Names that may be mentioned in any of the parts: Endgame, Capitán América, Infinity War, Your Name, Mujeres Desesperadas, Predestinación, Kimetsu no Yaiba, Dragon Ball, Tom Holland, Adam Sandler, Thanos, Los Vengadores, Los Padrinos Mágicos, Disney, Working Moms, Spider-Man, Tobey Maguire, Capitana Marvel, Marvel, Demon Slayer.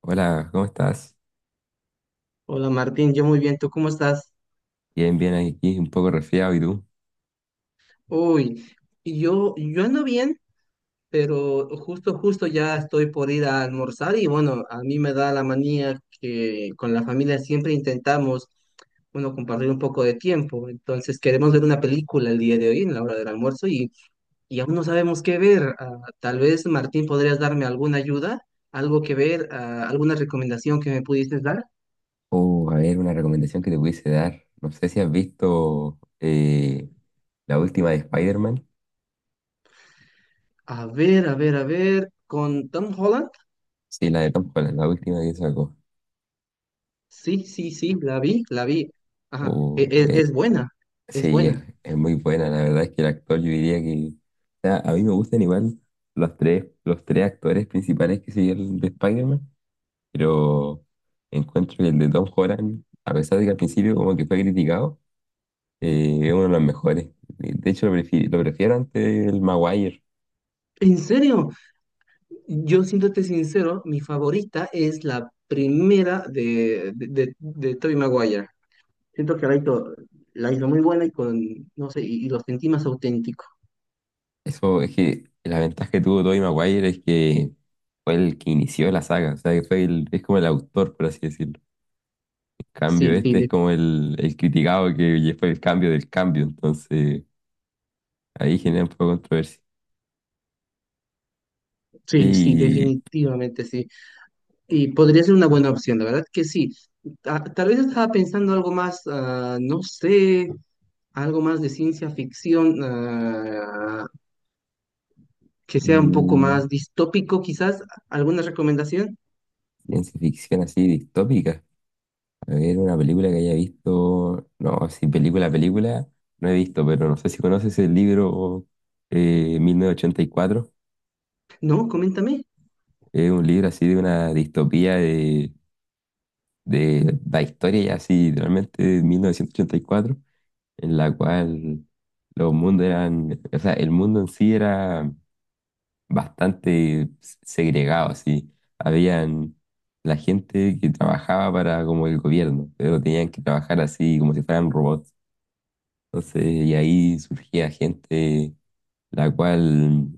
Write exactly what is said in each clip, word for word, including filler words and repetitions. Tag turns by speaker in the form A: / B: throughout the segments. A: Hola, ¿cómo estás?
B: Hola Martín, yo muy bien, ¿tú cómo estás?
A: Bien, bien, aquí un poco resfriado, ¿y tú?
B: Uy, yo, yo ando bien, pero justo, justo ya estoy por ir a almorzar y bueno, a mí me da la manía que con la familia siempre intentamos, bueno, compartir un poco de tiempo. Entonces queremos ver una película el día de hoy en la hora del almuerzo y, y aún no sabemos qué ver. Ah, tal vez Martín podrías darme alguna ayuda, algo que ver, ah, alguna recomendación que me pudieses dar.
A: Oh, a ver, una recomendación que te pudiese dar. No sé si has visto eh, la última de Spider-Man.
B: A ver, a ver, a ver, con Tom Holland.
A: Sí, la de Tom Holland, la última que sacó.
B: Sí, sí, sí, la vi, la vi. Ajá, e-
A: Oh,
B: e-
A: eh,
B: es buena, es
A: sí, es,
B: buena.
A: es muy buena. La verdad es que el actor, yo diría que o sea, a mí me gustan igual los tres, los tres actores principales que siguieron de Spider-Man, pero encuentro que el de Tom Holland, a pesar de que al principio como que fue criticado, Eh, es uno de los mejores. Eh, De hecho, lo prefiero, lo prefiero ante el Maguire.
B: En serio, yo siéndote sincero, mi favorita es la primera de, de, de, de Tobey Maguire. Siento que la hizo, la hizo muy buena y con, no sé, y, y lo sentí más auténtico.
A: Eso es que la ventaja que tuvo Tobey Maguire es que fue el que inició la saga. O sea, que fue el, es como el autor, por así decirlo. En cambio,
B: Sí, sí,
A: este es
B: de-
A: como el, el criticado que fue el cambio del cambio. Entonces, ahí genera un poco de controversia.
B: sí, sí,
A: Y
B: definitivamente sí. Y podría ser una buena opción, la verdad que sí. Ta- tal vez estaba pensando algo más, ah, no sé, algo más de ciencia ficción. Ah, que sea un poco
A: mm,
B: más distópico, quizás. ¿Alguna recomendación?
A: ciencia ficción así distópica. A ver, una película que haya visto. No, sí, película, película, no he visto, pero no sé si conoces el libro eh, mil novecientos ochenta y cuatro.
B: No, coméntame.
A: Es un libro así de una distopía de, de la historia, ya así, literalmente de mil novecientos ochenta y cuatro, en la cual los mundos eran. O sea, el mundo en sí era bastante segregado, así. Habían la gente que trabajaba para como el gobierno, pero tenían que trabajar así como si fueran robots. Entonces, y ahí surgía gente la cual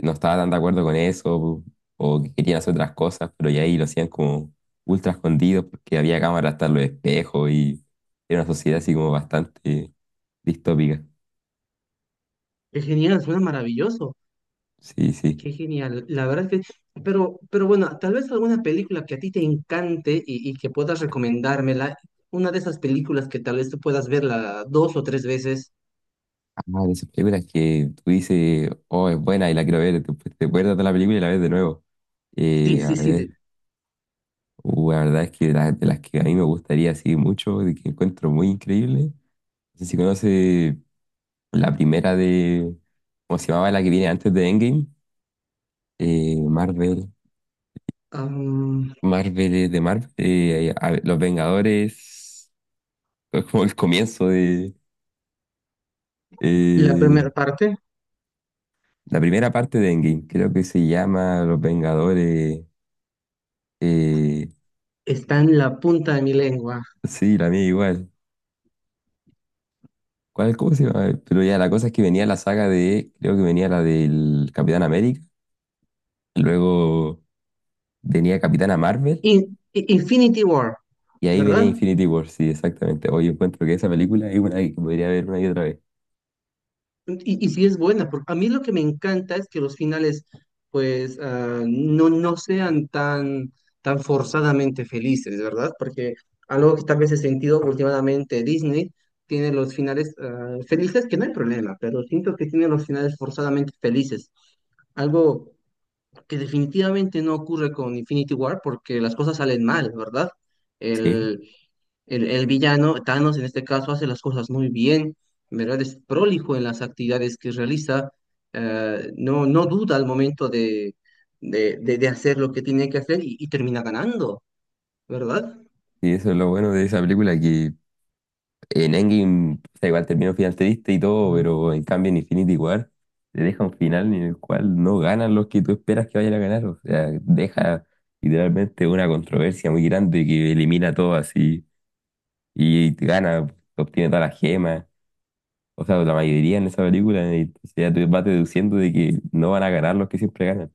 A: no estaba tan de acuerdo con eso o que querían hacer otras cosas, pero ya ahí lo hacían como ultra escondidos porque había cámaras hasta en los espejos y era una sociedad así como bastante distópica.
B: Qué genial, suena maravilloso.
A: Sí, sí.
B: Qué genial. La verdad es que, pero, pero bueno, tal vez alguna película que a ti te encante y, y que puedas recomendármela. Una de esas películas que tal vez tú puedas verla dos o tres veces.
A: Ah, de esas películas que tú dices, oh, es buena y la quiero ver, después te acuerdas de la película y la ves de nuevo.
B: Sí,
A: Eh, a
B: sí, sí. de-
A: ver, uh, la verdad es que la- de las que a mí me gustaría así mucho, de que encuentro muy increíble. No sé si conoces la primera de, ¿cómo se llamaba? La que viene antes de Endgame. Eh, Marvel, Marvel eh, de Marvel. eh, a- Los Vengadores, es como el comienzo de
B: La
A: eh,
B: primera parte
A: la primera parte de Endgame. Creo que se llama Los Vengadores. eh,
B: está en la punta de mi lengua.
A: sí, la mía igual. ¿Cuál, cómo se llama? Pero ya la cosa es que venía la saga de, creo que venía la del Capitán América, luego venía Capitana Marvel.
B: In- I- Infinity War,
A: Y ahí venía
B: ¿verdad?
A: Infinity War, sí, exactamente. Hoy encuentro que esa película es una que podría ver una y otra vez.
B: Y, y sí es buena, porque a mí lo que me encanta es que los finales, pues, ah, no, no sean tan, tan forzadamente felices, ¿verdad? Porque algo que tal vez he sentido últimamente, Disney tiene los finales ah, felices, que no hay problema, pero siento que tiene los finales forzadamente felices. Algo que definitivamente no ocurre con Infinity War, porque las cosas salen mal, ¿verdad?
A: Sí,
B: El, El, el villano, Thanos en este caso, hace las cosas muy bien, en verdad es prolijo en las actividades que realiza, eh, no, no duda al momento de, de, de- de hacer lo que tiene que hacer y, y termina ganando, ¿verdad?
A: y eso es lo bueno de esa película, que en Endgame, o sea, igual terminó final triste y todo,
B: Ujú.
A: pero en cambio en Infinity War te deja un final en el cual no ganan los que tú esperas que vayan a ganar, o sea, deja literalmente una controversia muy grande que elimina todo así y gana, obtiene todas las gemas, o sea, la mayoría en esa película, y entonces ya tú vas deduciendo de que no van a ganar los que siempre ganan.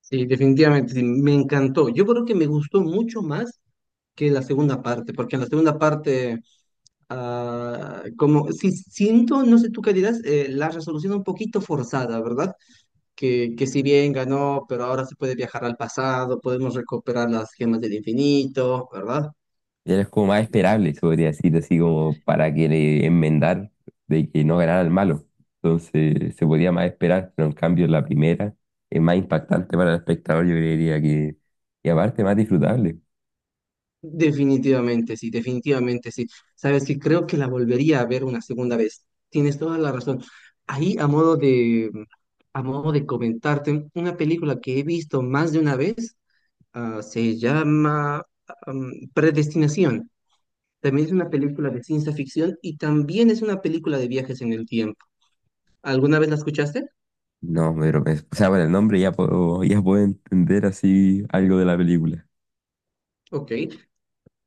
B: Sí, definitivamente, sí, me encantó. Yo creo que me gustó mucho más que la segunda parte, porque en la segunda parte, ah, como si siento, no sé tú qué dirás, eh, la resolución un poquito forzada, ¿verdad? Que, que si bien ganó, pero ahora se puede viajar al pasado, podemos recuperar las gemas del infinito, ¿verdad?
A: Ya era como más esperable, se podría decir, así como para que le enmendar de que no ganara el malo. Entonces se podía más esperar, pero en cambio la primera es más impactante para el espectador, yo creería que, y aparte más disfrutable.
B: Definitivamente, sí, definitivamente, sí. Sabes que creo que la volvería a ver una segunda vez. Tienes toda la razón. Ahí, a modo de, a modo de comentarte, una película que he visto más de una vez, ah, se llama, am, Predestinación. También es una película de ciencia ficción y también es una película de viajes en el tiempo. ¿Alguna vez la escuchaste?
A: No, pero es- o sea, por el nombre ya puedo, ya puedo entender así algo de la película.
B: Ok.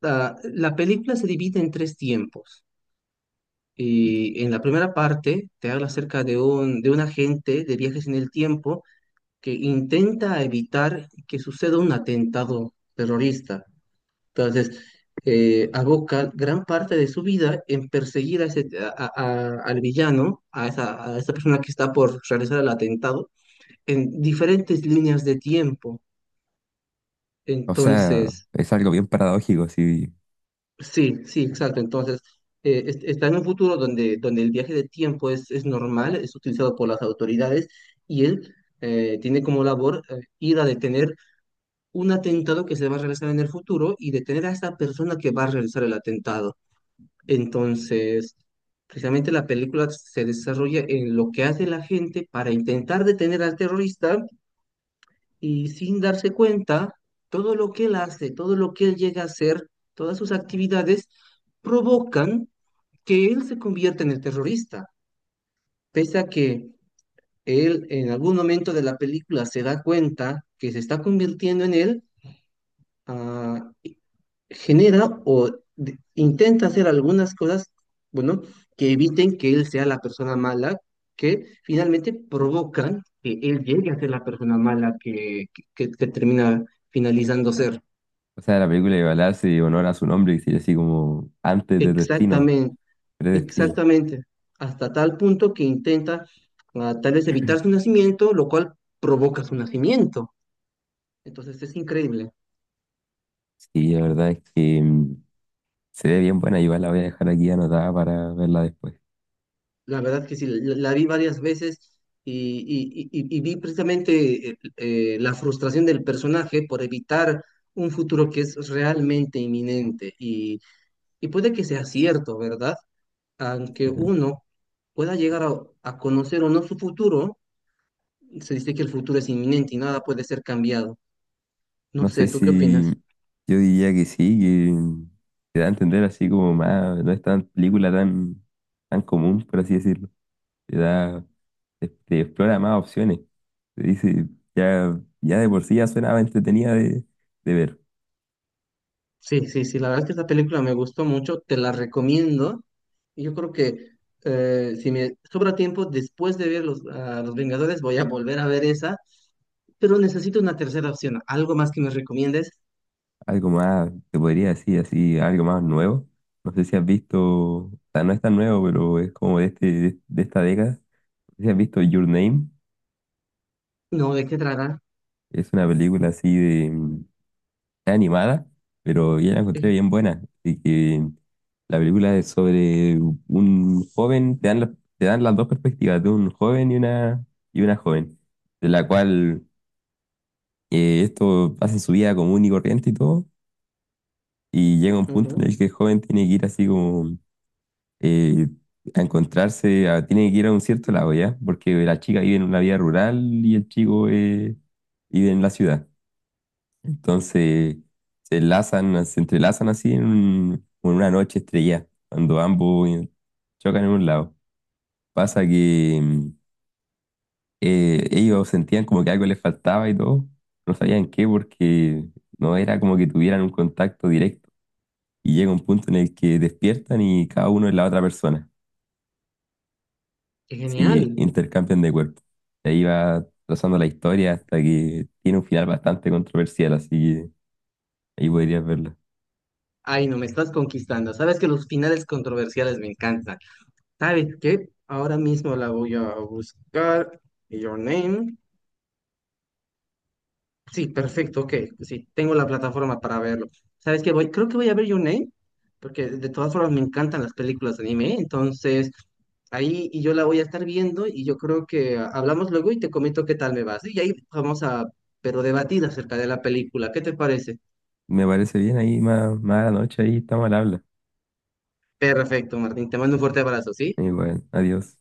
B: La, la película se divide en tres tiempos. Y en la primera parte te habla acerca de un, de un agente de viajes en el tiempo que intenta evitar que suceda un atentado terrorista. Entonces, eh, aboca gran parte de su vida en perseguir a ese, a- a- a- al villano, a esa, a esa persona que está por realizar el atentado, en diferentes líneas de tiempo.
A: O sea,
B: Entonces,
A: es algo bien paradójico, así.
B: sí, sí, exacto. Entonces, eh, es- está en un futuro donde, donde el viaje de tiempo es, es normal, es utilizado por las autoridades y él eh, tiene como labor eh, ir a detener un atentado que se va a realizar en el futuro y detener a esta persona que va a realizar el atentado. Entonces, precisamente la película se desarrolla en lo que hace la gente para intentar detener al terrorista y sin darse cuenta, todo lo que él hace, todo lo que él llega a hacer, todas sus actividades provocan que él se convierte en el terrorista, pese a que él en algún momento de la película se da cuenta que se está convirtiendo en él, ah, genera o de- intenta hacer algunas cosas, bueno, que eviten que él sea la persona mala, que finalmente provocan que él llegue a ser la persona mala que, que, que- que termina finalizando ser.
A: O sea, la película igual hace honor a su nombre, que sería así como antes de destino,
B: Exactamente.
A: predestino.
B: Exactamente, hasta tal punto que intenta ah, tal vez evitar su nacimiento, lo cual provoca su nacimiento. Entonces es increíble.
A: Sí, la verdad es que mm, se ve bien buena, igual la voy a dejar aquí anotada para verla después.
B: La verdad que sí, la, la vi varias veces y, y- y- y vi precisamente eh, eh, la frustración del personaje por evitar un futuro que es realmente inminente y, y puede que sea cierto, ¿verdad? Aunque uno pueda llegar a, a conocer o no su futuro, se dice que el futuro es inminente y nada puede ser cambiado. No
A: No sé
B: sé, ¿tú qué
A: si
B: opinas?
A: yo diría que sí, que te da a entender así como más, no es tan película tan, tan común, por así decirlo. Te da, te, te explora más opciones. Te dice, ya, ya de por sí ya suena entretenida de, de ver.
B: Sí, sí, sí, la verdad es que esta película me gustó mucho, te la recomiendo. Y yo creo que eh, si me sobra tiempo después de ver los, a los Vengadores, voy a volver a ver esa, pero necesito una tercera opción, algo más que me recomiendes.
A: Algo más, te podría decir así, algo más nuevo. No sé si has visto, o sea, no es tan nuevo, pero es como de, este, de, de esta década. No sé si has visto Your Name.
B: No, ¿de qué trata?
A: Es una película así de, era animada, pero yo la encontré
B: Eh,
A: bien buena. Así que la película es sobre un joven, te dan, la- te dan las dos perspectivas, de un joven y una, y una joven, de la cual eh, esto pasa en su vida común y corriente y todo, y llega un punto
B: ujú,
A: en el que el joven tiene que ir así como eh, a encontrarse, a- tiene que ir a un cierto lado, ¿ya? Porque la chica vive en una vida rural y el chico eh, vive en la ciudad. Entonces se enlazan, se entrelazan así en, un- en una noche estrellada, cuando ambos eh, chocan en un lado. Pasa que mm, eh, ellos sentían como que algo les faltaba y todo, no sabían qué porque no era como que tuvieran un contacto directo. Y llega un punto en el que despiertan y cada uno es la otra persona.
B: qué
A: Sí,
B: genial.
A: intercambian de cuerpo. Y ahí va trazando la historia hasta que tiene un final bastante controversial, así que ahí podrías verla.
B: Ay, no, me estás conquistando. Sabes que los finales controversiales me encantan. ¿Sabes qué? Ahora mismo la voy a buscar. Your Name. Sí, perfecto, ok. Sí, tengo la plataforma para verlo. ¿Sabes qué? Voy, creo que voy a ver Your Name, porque de todas formas me encantan las películas de anime, entonces ahí y yo la voy a estar viendo y yo creo que ah, hablamos luego y te comento qué tal me va. ¿Sí? Y ahí vamos a, pero debatir acerca de la película. ¿Qué te parece?
A: Me parece bien ahí, más, más a la noche, ahí estamos al habla.
B: Perfecto, Martín. Te mando un fuerte abrazo, ¿sí?
A: Y bueno, adiós.